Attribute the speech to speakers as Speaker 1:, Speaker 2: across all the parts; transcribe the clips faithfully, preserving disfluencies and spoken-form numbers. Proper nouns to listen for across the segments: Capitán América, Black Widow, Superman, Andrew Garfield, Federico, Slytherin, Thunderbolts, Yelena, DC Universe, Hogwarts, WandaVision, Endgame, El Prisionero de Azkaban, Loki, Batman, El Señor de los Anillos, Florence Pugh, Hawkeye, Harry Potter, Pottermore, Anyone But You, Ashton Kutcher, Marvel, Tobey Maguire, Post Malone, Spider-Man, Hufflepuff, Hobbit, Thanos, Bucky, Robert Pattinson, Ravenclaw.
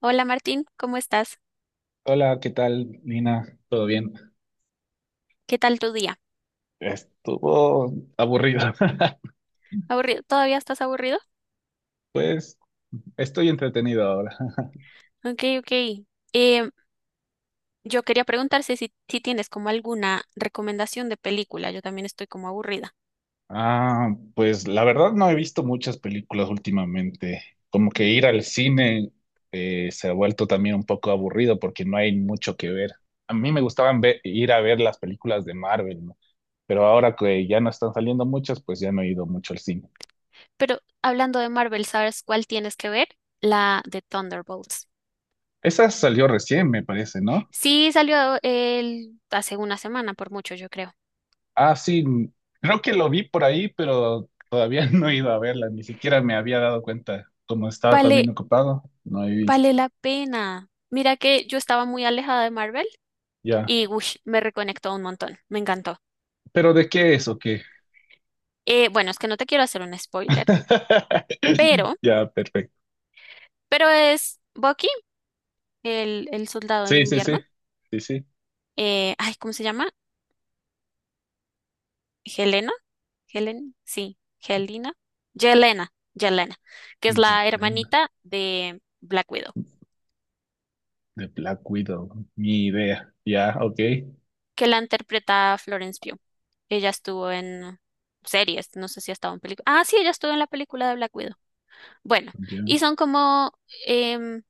Speaker 1: Hola Martín, ¿cómo estás?
Speaker 2: Hola, ¿qué tal, Nina? ¿Todo bien?
Speaker 1: ¿Qué tal tu día?
Speaker 2: Estuvo aburrido.
Speaker 1: ¿Aburrido? ¿Todavía estás aburrido?
Speaker 2: Pues estoy entretenido ahora.
Speaker 1: Ok, ok. Em, yo quería preguntarte si, si tienes como alguna recomendación de película. Yo también estoy como aburrida.
Speaker 2: Ah, pues la verdad no he visto muchas películas últimamente. Como que ir al cine eh, se ha vuelto también un poco aburrido porque no hay mucho que ver. A mí me gustaban ve- ir a ver las películas de Marvel, ¿no? Pero ahora que ya no están saliendo muchas, pues ya no he ido mucho al cine.
Speaker 1: Pero hablando de Marvel, ¿sabes cuál tienes que ver? La de Thunderbolts.
Speaker 2: Esa salió recién, me parece, ¿no?
Speaker 1: Sí, salió el, hace una semana, por mucho, yo creo.
Speaker 2: Ah, sí, creo que lo vi por ahí, pero todavía no he ido a verla, ni siquiera me había dado cuenta. Como estaba también
Speaker 1: Vale,
Speaker 2: ocupado, no he visto.
Speaker 1: vale la pena. Mira que yo estaba muy alejada de Marvel
Speaker 2: Ya.
Speaker 1: y uy, me reconectó un montón. Me encantó.
Speaker 2: ¿Pero de qué es o qué?
Speaker 1: Eh, bueno, es que no te quiero hacer un spoiler. Pero
Speaker 2: Ya, perfecto.
Speaker 1: Pero es Bucky, el, el soldado del
Speaker 2: Sí, sí, sí.
Speaker 1: invierno.
Speaker 2: Sí, sí.
Speaker 1: Eh, ay, ¿cómo se llama? Helena. Helen, sí, Helena. Yelena, Yelena, que es la
Speaker 2: Yelena,
Speaker 1: hermanita de Black Widow,
Speaker 2: de Black Widow. Mi idea. Ya, ok.
Speaker 1: que la interpreta Florence Pugh. Ella estuvo en series, no sé si ha estado en película. Ah, sí, ella estuvo en la película de Black Widow. Bueno,
Speaker 2: Ya,
Speaker 1: y son como em,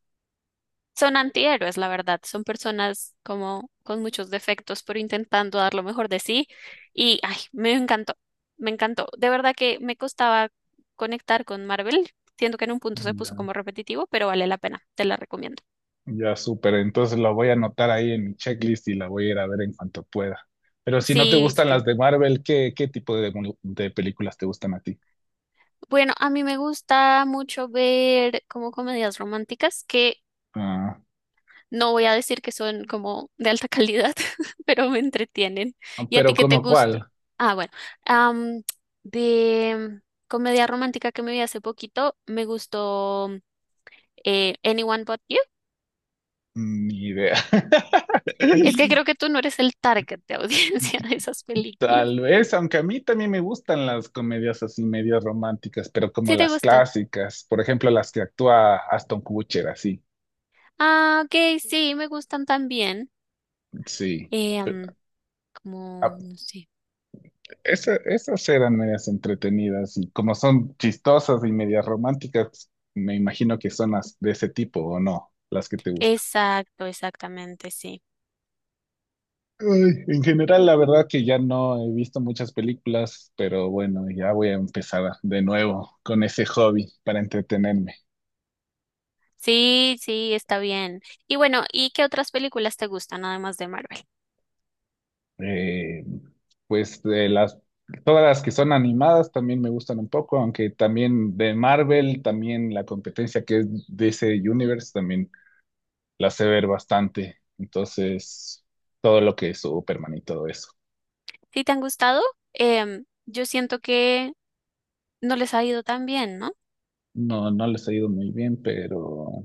Speaker 1: Son antihéroes, la verdad. Son personas como con muchos defectos, pero intentando dar lo mejor de sí. Y ay, me encantó, me encantó. De verdad que me costaba conectar con Marvel. Siento que en un punto se puso
Speaker 2: ya.
Speaker 1: como repetitivo, pero vale la pena. Te la recomiendo.
Speaker 2: Ya, súper. Entonces la voy a anotar ahí en mi checklist y la voy a ir a ver en cuanto pueda. Pero si no te
Speaker 1: Sí, sí,
Speaker 2: gustan las
Speaker 1: sí.
Speaker 2: de Marvel, ¿qué, qué tipo de, mu- de películas te gustan a ti?
Speaker 1: Bueno, a mí me gusta mucho ver como comedias románticas que,
Speaker 2: Ah,
Speaker 1: no voy a decir que son como de alta calidad, pero me entretienen. ¿Y a ti
Speaker 2: pero
Speaker 1: qué te
Speaker 2: ¿como
Speaker 1: gusta?
Speaker 2: cuál?
Speaker 1: Ah, bueno. am, de comedia romántica que me vi hace poquito, me gustó eh, Anyone But You.
Speaker 2: Ni idea.
Speaker 1: Es que creo que tú no eres el target de audiencia de esas películas.
Speaker 2: Tal vez, aunque a mí también me gustan las comedias así medio románticas, pero como
Speaker 1: ¿Sí te
Speaker 2: las
Speaker 1: gustan?
Speaker 2: clásicas, por ejemplo, las que actúa Aston Kutcher, así,
Speaker 1: Ah, ok, sí, me gustan también.
Speaker 2: sí.
Speaker 1: Eh,
Speaker 2: Pe-
Speaker 1: am,
Speaker 2: a-
Speaker 1: Como, no sé.
Speaker 2: esa- esas eran medias entretenidas y como son chistosas y medias románticas, me imagino que son las de ese tipo o no, las que te gustan.
Speaker 1: Exacto, exactamente, sí.
Speaker 2: Ay, en general, la verdad que ya no he visto muchas películas, pero bueno, ya voy a empezar a- de nuevo con ese hobby para entretenerme.
Speaker 1: Sí, sí, está bien. Y bueno, ¿y qué otras películas te gustan además de Marvel?
Speaker 2: Eh, pues de las, todas las que son animadas también me gustan un poco, aunque también de Marvel, también la competencia que es D C Universe, también la sé ver bastante. Entonces, todo lo que es Superman y todo eso.
Speaker 1: Si te han gustado, em, yo siento que no les ha ido tan bien, ¿no?
Speaker 2: No, no les ha ido muy bien, pero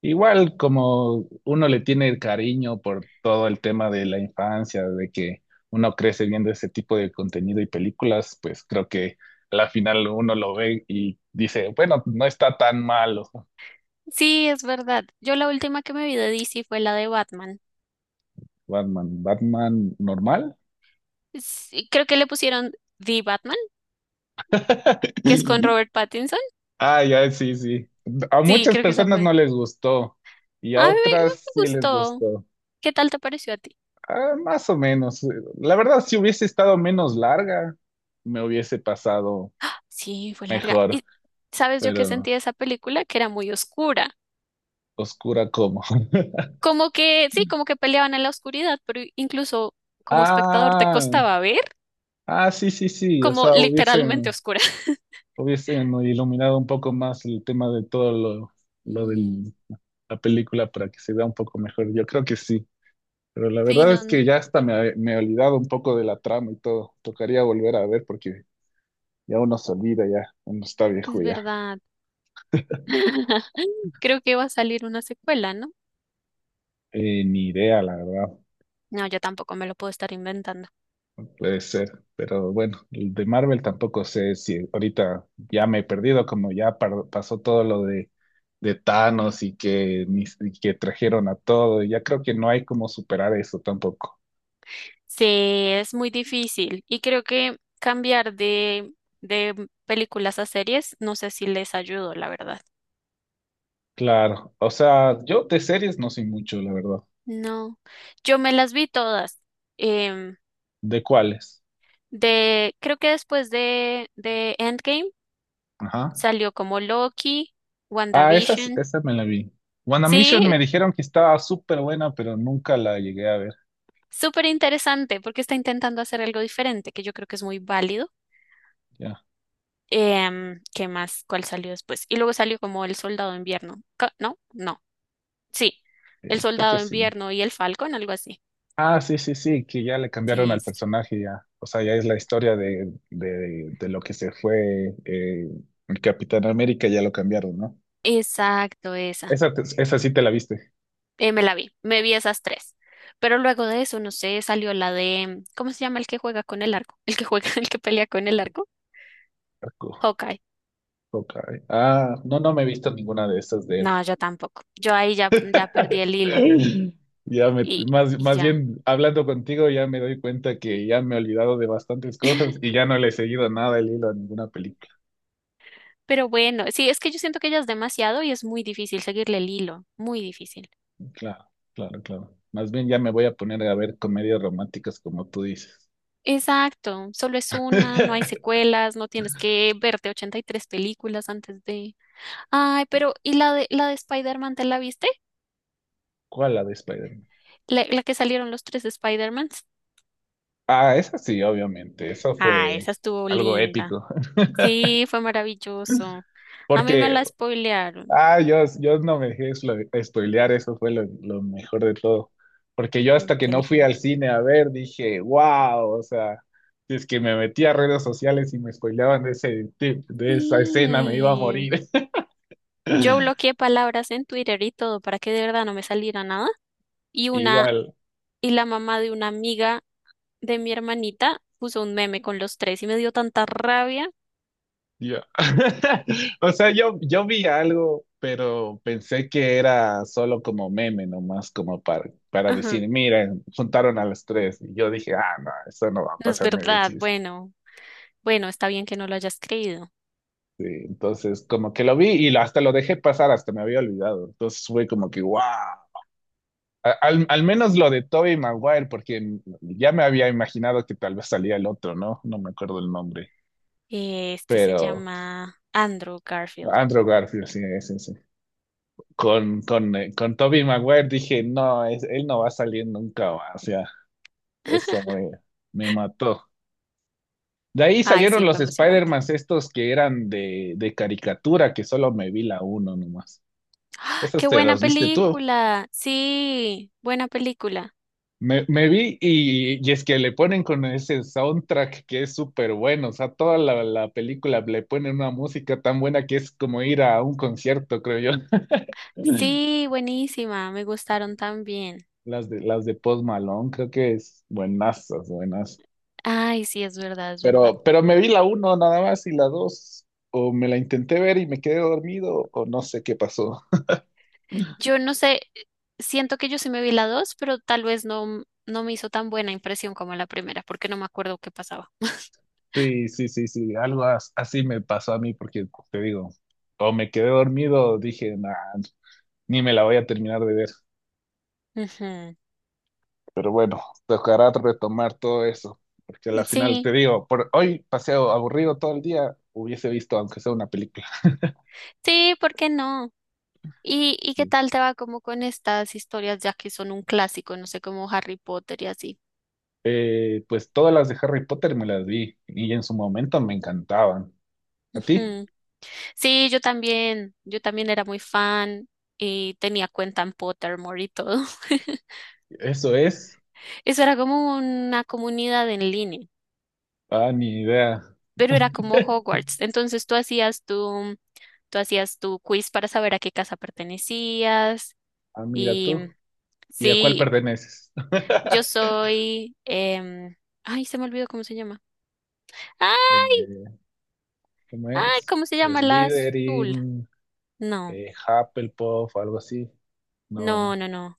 Speaker 2: igual como uno le tiene el cariño por todo el tema de la infancia, de que uno crece viendo ese tipo de contenido y películas, pues creo que a la final uno lo ve y dice, bueno, no está tan malo.
Speaker 1: Sí, es verdad. Yo la última que me vi de D C fue la de Batman.
Speaker 2: Batman, Batman normal.
Speaker 1: Sí, creo que le pusieron The Batman, que es con Robert Pattinson.
Speaker 2: Ah, ya, sí, sí. A
Speaker 1: Sí,
Speaker 2: muchas
Speaker 1: creo que esa
Speaker 2: personas no
Speaker 1: fue.
Speaker 2: les gustó y a
Speaker 1: A mí me,
Speaker 2: otras
Speaker 1: me
Speaker 2: sí les
Speaker 1: gustó.
Speaker 2: gustó.
Speaker 1: ¿Qué tal te pareció a ti?
Speaker 2: Ah, más o menos. La verdad, si hubiese estado menos larga, me hubiese pasado
Speaker 1: Sí, fue larga.
Speaker 2: mejor.
Speaker 1: ¿Y sabes yo qué
Speaker 2: Pero
Speaker 1: sentí de esa película? Que era muy oscura.
Speaker 2: oscura como.
Speaker 1: Como que, sí, como que peleaban en la oscuridad, pero incluso como espectador te
Speaker 2: Ah,
Speaker 1: costaba ver
Speaker 2: ah, sí, sí, sí. O
Speaker 1: como
Speaker 2: sea,
Speaker 1: literalmente
Speaker 2: hubiesen,
Speaker 1: oscura.
Speaker 2: hubiesen iluminado un poco más el tema de todo lo, lo
Speaker 1: Mm.
Speaker 2: de la película para que se vea un poco mejor. Yo creo que sí. Pero la
Speaker 1: Sí,
Speaker 2: verdad
Speaker 1: no,
Speaker 2: es que ya hasta me, me he olvidado un poco de la trama y todo. Tocaría volver a ver porque ya uno se olvida, ya uno está
Speaker 1: es
Speaker 2: viejo ya.
Speaker 1: verdad. Creo que va a salir una secuela, ¿no?
Speaker 2: Eh, ni idea, la verdad.
Speaker 1: No, yo tampoco me lo puedo estar inventando.
Speaker 2: Puede ser. Pero bueno, el de Marvel tampoco sé si ahorita ya me he perdido, como ya par- pasó todo lo de de Thanos y que, ni- y que trajeron a todo. Ya creo que no hay como superar eso tampoco.
Speaker 1: Sí, es muy difícil y creo que cambiar de, de películas a series, no sé si les ayudo, la verdad.
Speaker 2: Claro, o sea, yo de series no sé mucho, la verdad.
Speaker 1: No, yo me las vi todas. Em,
Speaker 2: ¿De cuáles?
Speaker 1: de, Creo que después de, de Endgame
Speaker 2: Ajá.
Speaker 1: salió como Loki,
Speaker 2: Ah, esa, es-
Speaker 1: WandaVision.
Speaker 2: esa me la vi. WandaVision
Speaker 1: Sí,
Speaker 2: me dijeron que estaba súper buena, pero nunca la llegué a ver.
Speaker 1: súper interesante porque está intentando hacer algo diferente, que yo creo que es muy válido.
Speaker 2: Ya,
Speaker 1: Em, ¿qué más? ¿Cuál salió después? Y luego salió como El Soldado de Invierno. Ca- ¿No? No. Sí. El
Speaker 2: eh, creo
Speaker 1: Soldado
Speaker 2: que
Speaker 1: de
Speaker 2: sí.
Speaker 1: Invierno y El Falcón, algo así.
Speaker 2: Ah, sí, sí, sí, que ya le cambiaron
Speaker 1: Sí,
Speaker 2: al
Speaker 1: sí, sí.
Speaker 2: personaje ya. O sea, ya es la historia de, de, de lo que se fue eh, el Capitán América, ya lo cambiaron, ¿no?
Speaker 1: Exacto, esa.
Speaker 2: Esa, te- esa sí te la viste.
Speaker 1: Eh, me la vi. Me vi esas tres. Pero luego de eso, no sé, salió la de, ¿cómo se llama el que juega con el arco? El que juega, el que pelea con el arco. Hawkeye.
Speaker 2: Hawkeye. Ah, no, no me he visto ninguna de estas de él.
Speaker 1: No, yo tampoco. Yo ahí ya, ya perdí el hilo.
Speaker 2: Ya me,
Speaker 1: Y,
Speaker 2: más,
Speaker 1: y
Speaker 2: más
Speaker 1: ya.
Speaker 2: bien hablando contigo, ya me doy cuenta que ya me he olvidado de bastantes cosas y ya no le he seguido nada el hilo a ninguna película.
Speaker 1: Pero bueno, sí, es que yo siento que ya es demasiado y es muy difícil seguirle el hilo. Muy difícil.
Speaker 2: Claro, claro, claro. Más bien ya me voy a poner a ver comedias románticas como tú dices.
Speaker 1: Exacto, solo es una, no hay secuelas, no tienes que verte ochenta y tres películas antes de... Ay, pero ¿y la de la de Spider-Man te la viste?
Speaker 2: ¿Cuál la de Spider-Man?
Speaker 1: La, la que salieron los tres Spider-Mans.
Speaker 2: Ah, esa sí, obviamente. Eso
Speaker 1: Ah,
Speaker 2: fue
Speaker 1: esa estuvo
Speaker 2: algo
Speaker 1: linda.
Speaker 2: épico.
Speaker 1: Sí, fue maravilloso. A mí me
Speaker 2: Porque
Speaker 1: la spoilearon.
Speaker 2: ah, yo, yo no me dejé slo- spoilear, eso fue lo, lo mejor de todo. Porque yo hasta que no fui al
Speaker 1: Inteligente.
Speaker 2: cine a ver, dije, wow, o sea, si es que me metí a redes sociales y me spoileaban de ese tip, de esa escena, me iba a
Speaker 1: Sí.
Speaker 2: morir.
Speaker 1: Yo bloqueé palabras en Twitter y todo para que de verdad no me saliera nada. Y una,
Speaker 2: Igual,
Speaker 1: y la mamá de una amiga de mi hermanita puso un meme con los tres y me dio tanta rabia.
Speaker 2: yo. O sea, yo, yo vi algo, pero pensé que era solo como meme, nomás como para, para
Speaker 1: Ajá,
Speaker 2: decir, miren, juntaron a los tres. Y yo dije, ah, no, eso no va a
Speaker 1: no es
Speaker 2: pasarme de
Speaker 1: verdad.
Speaker 2: chiste.
Speaker 1: Bueno, bueno, está bien que no lo hayas creído.
Speaker 2: Sí, entonces como que lo vi y lo- hasta lo dejé pasar, hasta me había olvidado. Entonces fue como que, wow. Al, al menos lo de Tobey Maguire, porque ya me había imaginado que tal vez salía el otro, ¿no? No me acuerdo el nombre,
Speaker 1: Eh, Este se
Speaker 2: pero
Speaker 1: llama Andrew Garfield.
Speaker 2: Andrew Garfield, sí, sí, sí. Con, con, eh, con Tobey Maguire dije, no, es- él no va a salir nunca, más, o sea, eso me, me mató. De ahí
Speaker 1: Ay,
Speaker 2: salieron
Speaker 1: sí, fue
Speaker 2: los
Speaker 1: emocionante.
Speaker 2: Spider-Man estos que eran de, de caricatura, que solo me vi la uno nomás.
Speaker 1: ¡Ah!
Speaker 2: ¿Esos
Speaker 1: ¡Qué
Speaker 2: te
Speaker 1: buena
Speaker 2: los viste tú?
Speaker 1: película! Sí, buena película.
Speaker 2: Me, me vi y, y es que le ponen con ese soundtrack que es súper bueno, o sea, toda la, la película le ponen una música tan buena que es como ir a un concierto, creo yo.
Speaker 1: Sí, buenísima. Me gustaron también.
Speaker 2: Las de, las de Post Malone, creo que es buenazas, buenas.
Speaker 1: Ay, sí, es verdad, es verdad.
Speaker 2: Pero, pero me vi la uno nada más y la dos, o me la intenté ver y me quedé dormido, o no sé qué pasó.
Speaker 1: Yo no sé, siento que yo sí me vi la dos, pero tal vez no, no me hizo tan buena impresión como la primera, porque no me acuerdo qué pasaba.
Speaker 2: Sí, sí, sí, sí, algo as- así me pasó a mí porque te digo, o me quedé dormido, dije, nah, ni me la voy a terminar de ver.
Speaker 1: Ujú.
Speaker 2: Pero bueno, tocará retomar todo eso, porque al final
Speaker 1: Sí,
Speaker 2: te digo, por hoy paseo aburrido todo el día, hubiese visto aunque sea una película.
Speaker 1: sí, ¿por qué no? ¿Y, y qué tal te va como con estas historias ya que son un clásico, no sé, como Harry Potter y así?
Speaker 2: Eh, pues todas las de Harry Potter me las vi y en su momento me encantaban. ¿A ti?
Speaker 1: Ujú. Sí, yo también, yo también era muy fan y tenía cuenta en Pottermore y todo.
Speaker 2: Eso es.
Speaker 1: Eso era como una comunidad en línea,
Speaker 2: Ah, ni idea.
Speaker 1: pero era como Hogwarts. Entonces tú hacías tu, tú hacías tu quiz para saber a qué casa pertenecías
Speaker 2: Ah, mira
Speaker 1: y
Speaker 2: tú. ¿Y a cuál
Speaker 1: sí,
Speaker 2: perteneces?
Speaker 1: yo soy, em, ay, se me olvidó cómo se llama.
Speaker 2: Eh, ¿Cómo
Speaker 1: Ay,
Speaker 2: es?
Speaker 1: ¿cómo se llama la azul?
Speaker 2: Slytherin,
Speaker 1: No,
Speaker 2: eh, Hufflepuff, algo así.
Speaker 1: no,
Speaker 2: No.
Speaker 1: no, no.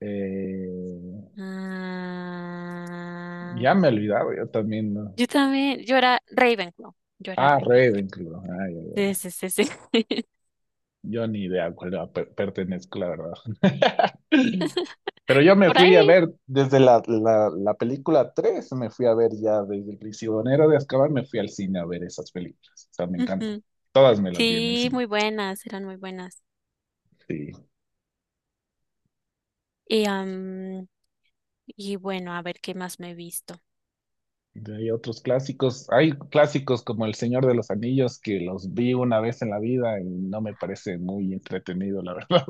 Speaker 2: eh,
Speaker 1: Ah,
Speaker 2: ya me he olvidado, yo también, ¿no?
Speaker 1: yo también, yo era Ravenclaw. Yo era
Speaker 2: Ah,
Speaker 1: Ravenclaw.
Speaker 2: Ravenclaw. Ay, ay,
Speaker 1: Sí,
Speaker 2: ay.
Speaker 1: sí, sí, sí.
Speaker 2: Yo ni idea a cuál per- pertenezco, la verdad. Pero yo me
Speaker 1: Por
Speaker 2: fui a
Speaker 1: ahí.
Speaker 2: ver desde la, la, la película tres, me fui a ver ya desde El Prisionero de Azkaban, me fui al cine a ver esas películas. O sea, me encanta.
Speaker 1: Ujú.
Speaker 2: Todas me las vi en el
Speaker 1: Sí,
Speaker 2: cine.
Speaker 1: muy buenas, eran muy buenas.
Speaker 2: Sí.
Speaker 1: Y, am, y bueno, a ver qué más me he visto.
Speaker 2: Y hay otros clásicos. Hay clásicos como El Señor de los Anillos que los vi una vez en la vida y no me parece muy entretenido, la verdad.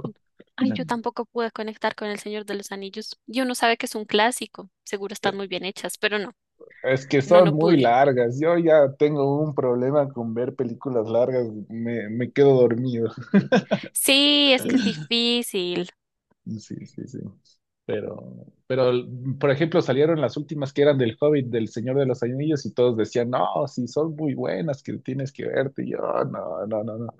Speaker 1: Ay, yo tampoco pude conectar con El Señor de los Anillos. Y uno sabe que es un clásico, seguro están muy bien hechas, pero no,
Speaker 2: Es que
Speaker 1: no,
Speaker 2: son
Speaker 1: no
Speaker 2: muy
Speaker 1: pude.
Speaker 2: largas. Yo ya tengo un problema con ver películas largas. Me, me quedo dormido.
Speaker 1: Sí, es que es difícil.
Speaker 2: Sí, sí, sí. Pero, pero, por ejemplo, salieron las últimas que eran del Hobbit, del Señor de los Anillos, y todos decían, no, sí, son muy buenas, que tienes que verte. Y yo, no, no, no, no.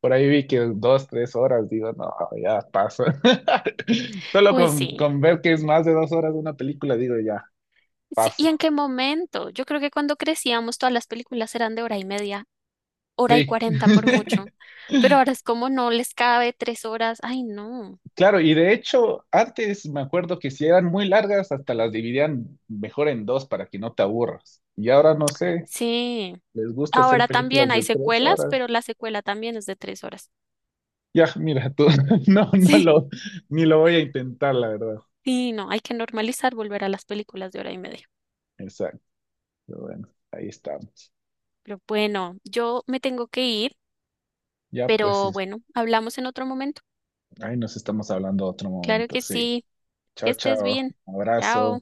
Speaker 2: Por ahí vi que dos, tres horas, digo, no, ya paso. Solo
Speaker 1: Uy,
Speaker 2: con,
Speaker 1: sí.
Speaker 2: con ver que es más de dos horas de una película, digo, ya,
Speaker 1: Sí,
Speaker 2: paso.
Speaker 1: ¿y en qué momento? Yo creo que cuando crecíamos todas las películas eran de hora y media, hora y
Speaker 2: Sí.
Speaker 1: cuarenta por mucho, pero ahora es como no les cabe tres horas, ay no,
Speaker 2: Claro, y de hecho, antes me acuerdo que si eran muy largas, hasta las dividían mejor en dos para que no te aburras. Y ahora no sé,
Speaker 1: sí,
Speaker 2: les gusta hacer
Speaker 1: ahora también
Speaker 2: películas
Speaker 1: hay
Speaker 2: de tres
Speaker 1: secuelas,
Speaker 2: horas.
Speaker 1: pero la secuela también es de tres horas,
Speaker 2: Ya, mira, tú, no, no
Speaker 1: sí,
Speaker 2: lo, ni lo voy a intentar, la verdad.
Speaker 1: sí, no, hay que normalizar volver a las películas de hora y media,
Speaker 2: Exacto, pero bueno, ahí estamos.
Speaker 1: pero bueno, yo me tengo que ir,
Speaker 2: Ya, pues,
Speaker 1: pero
Speaker 2: sí,
Speaker 1: bueno, hablamos en otro momento,
Speaker 2: ahí nos estamos hablando otro
Speaker 1: claro
Speaker 2: momento,
Speaker 1: que
Speaker 2: sí.
Speaker 1: sí, que
Speaker 2: Chao,
Speaker 1: estés
Speaker 2: chao,
Speaker 1: bien,
Speaker 2: abrazo.
Speaker 1: chao.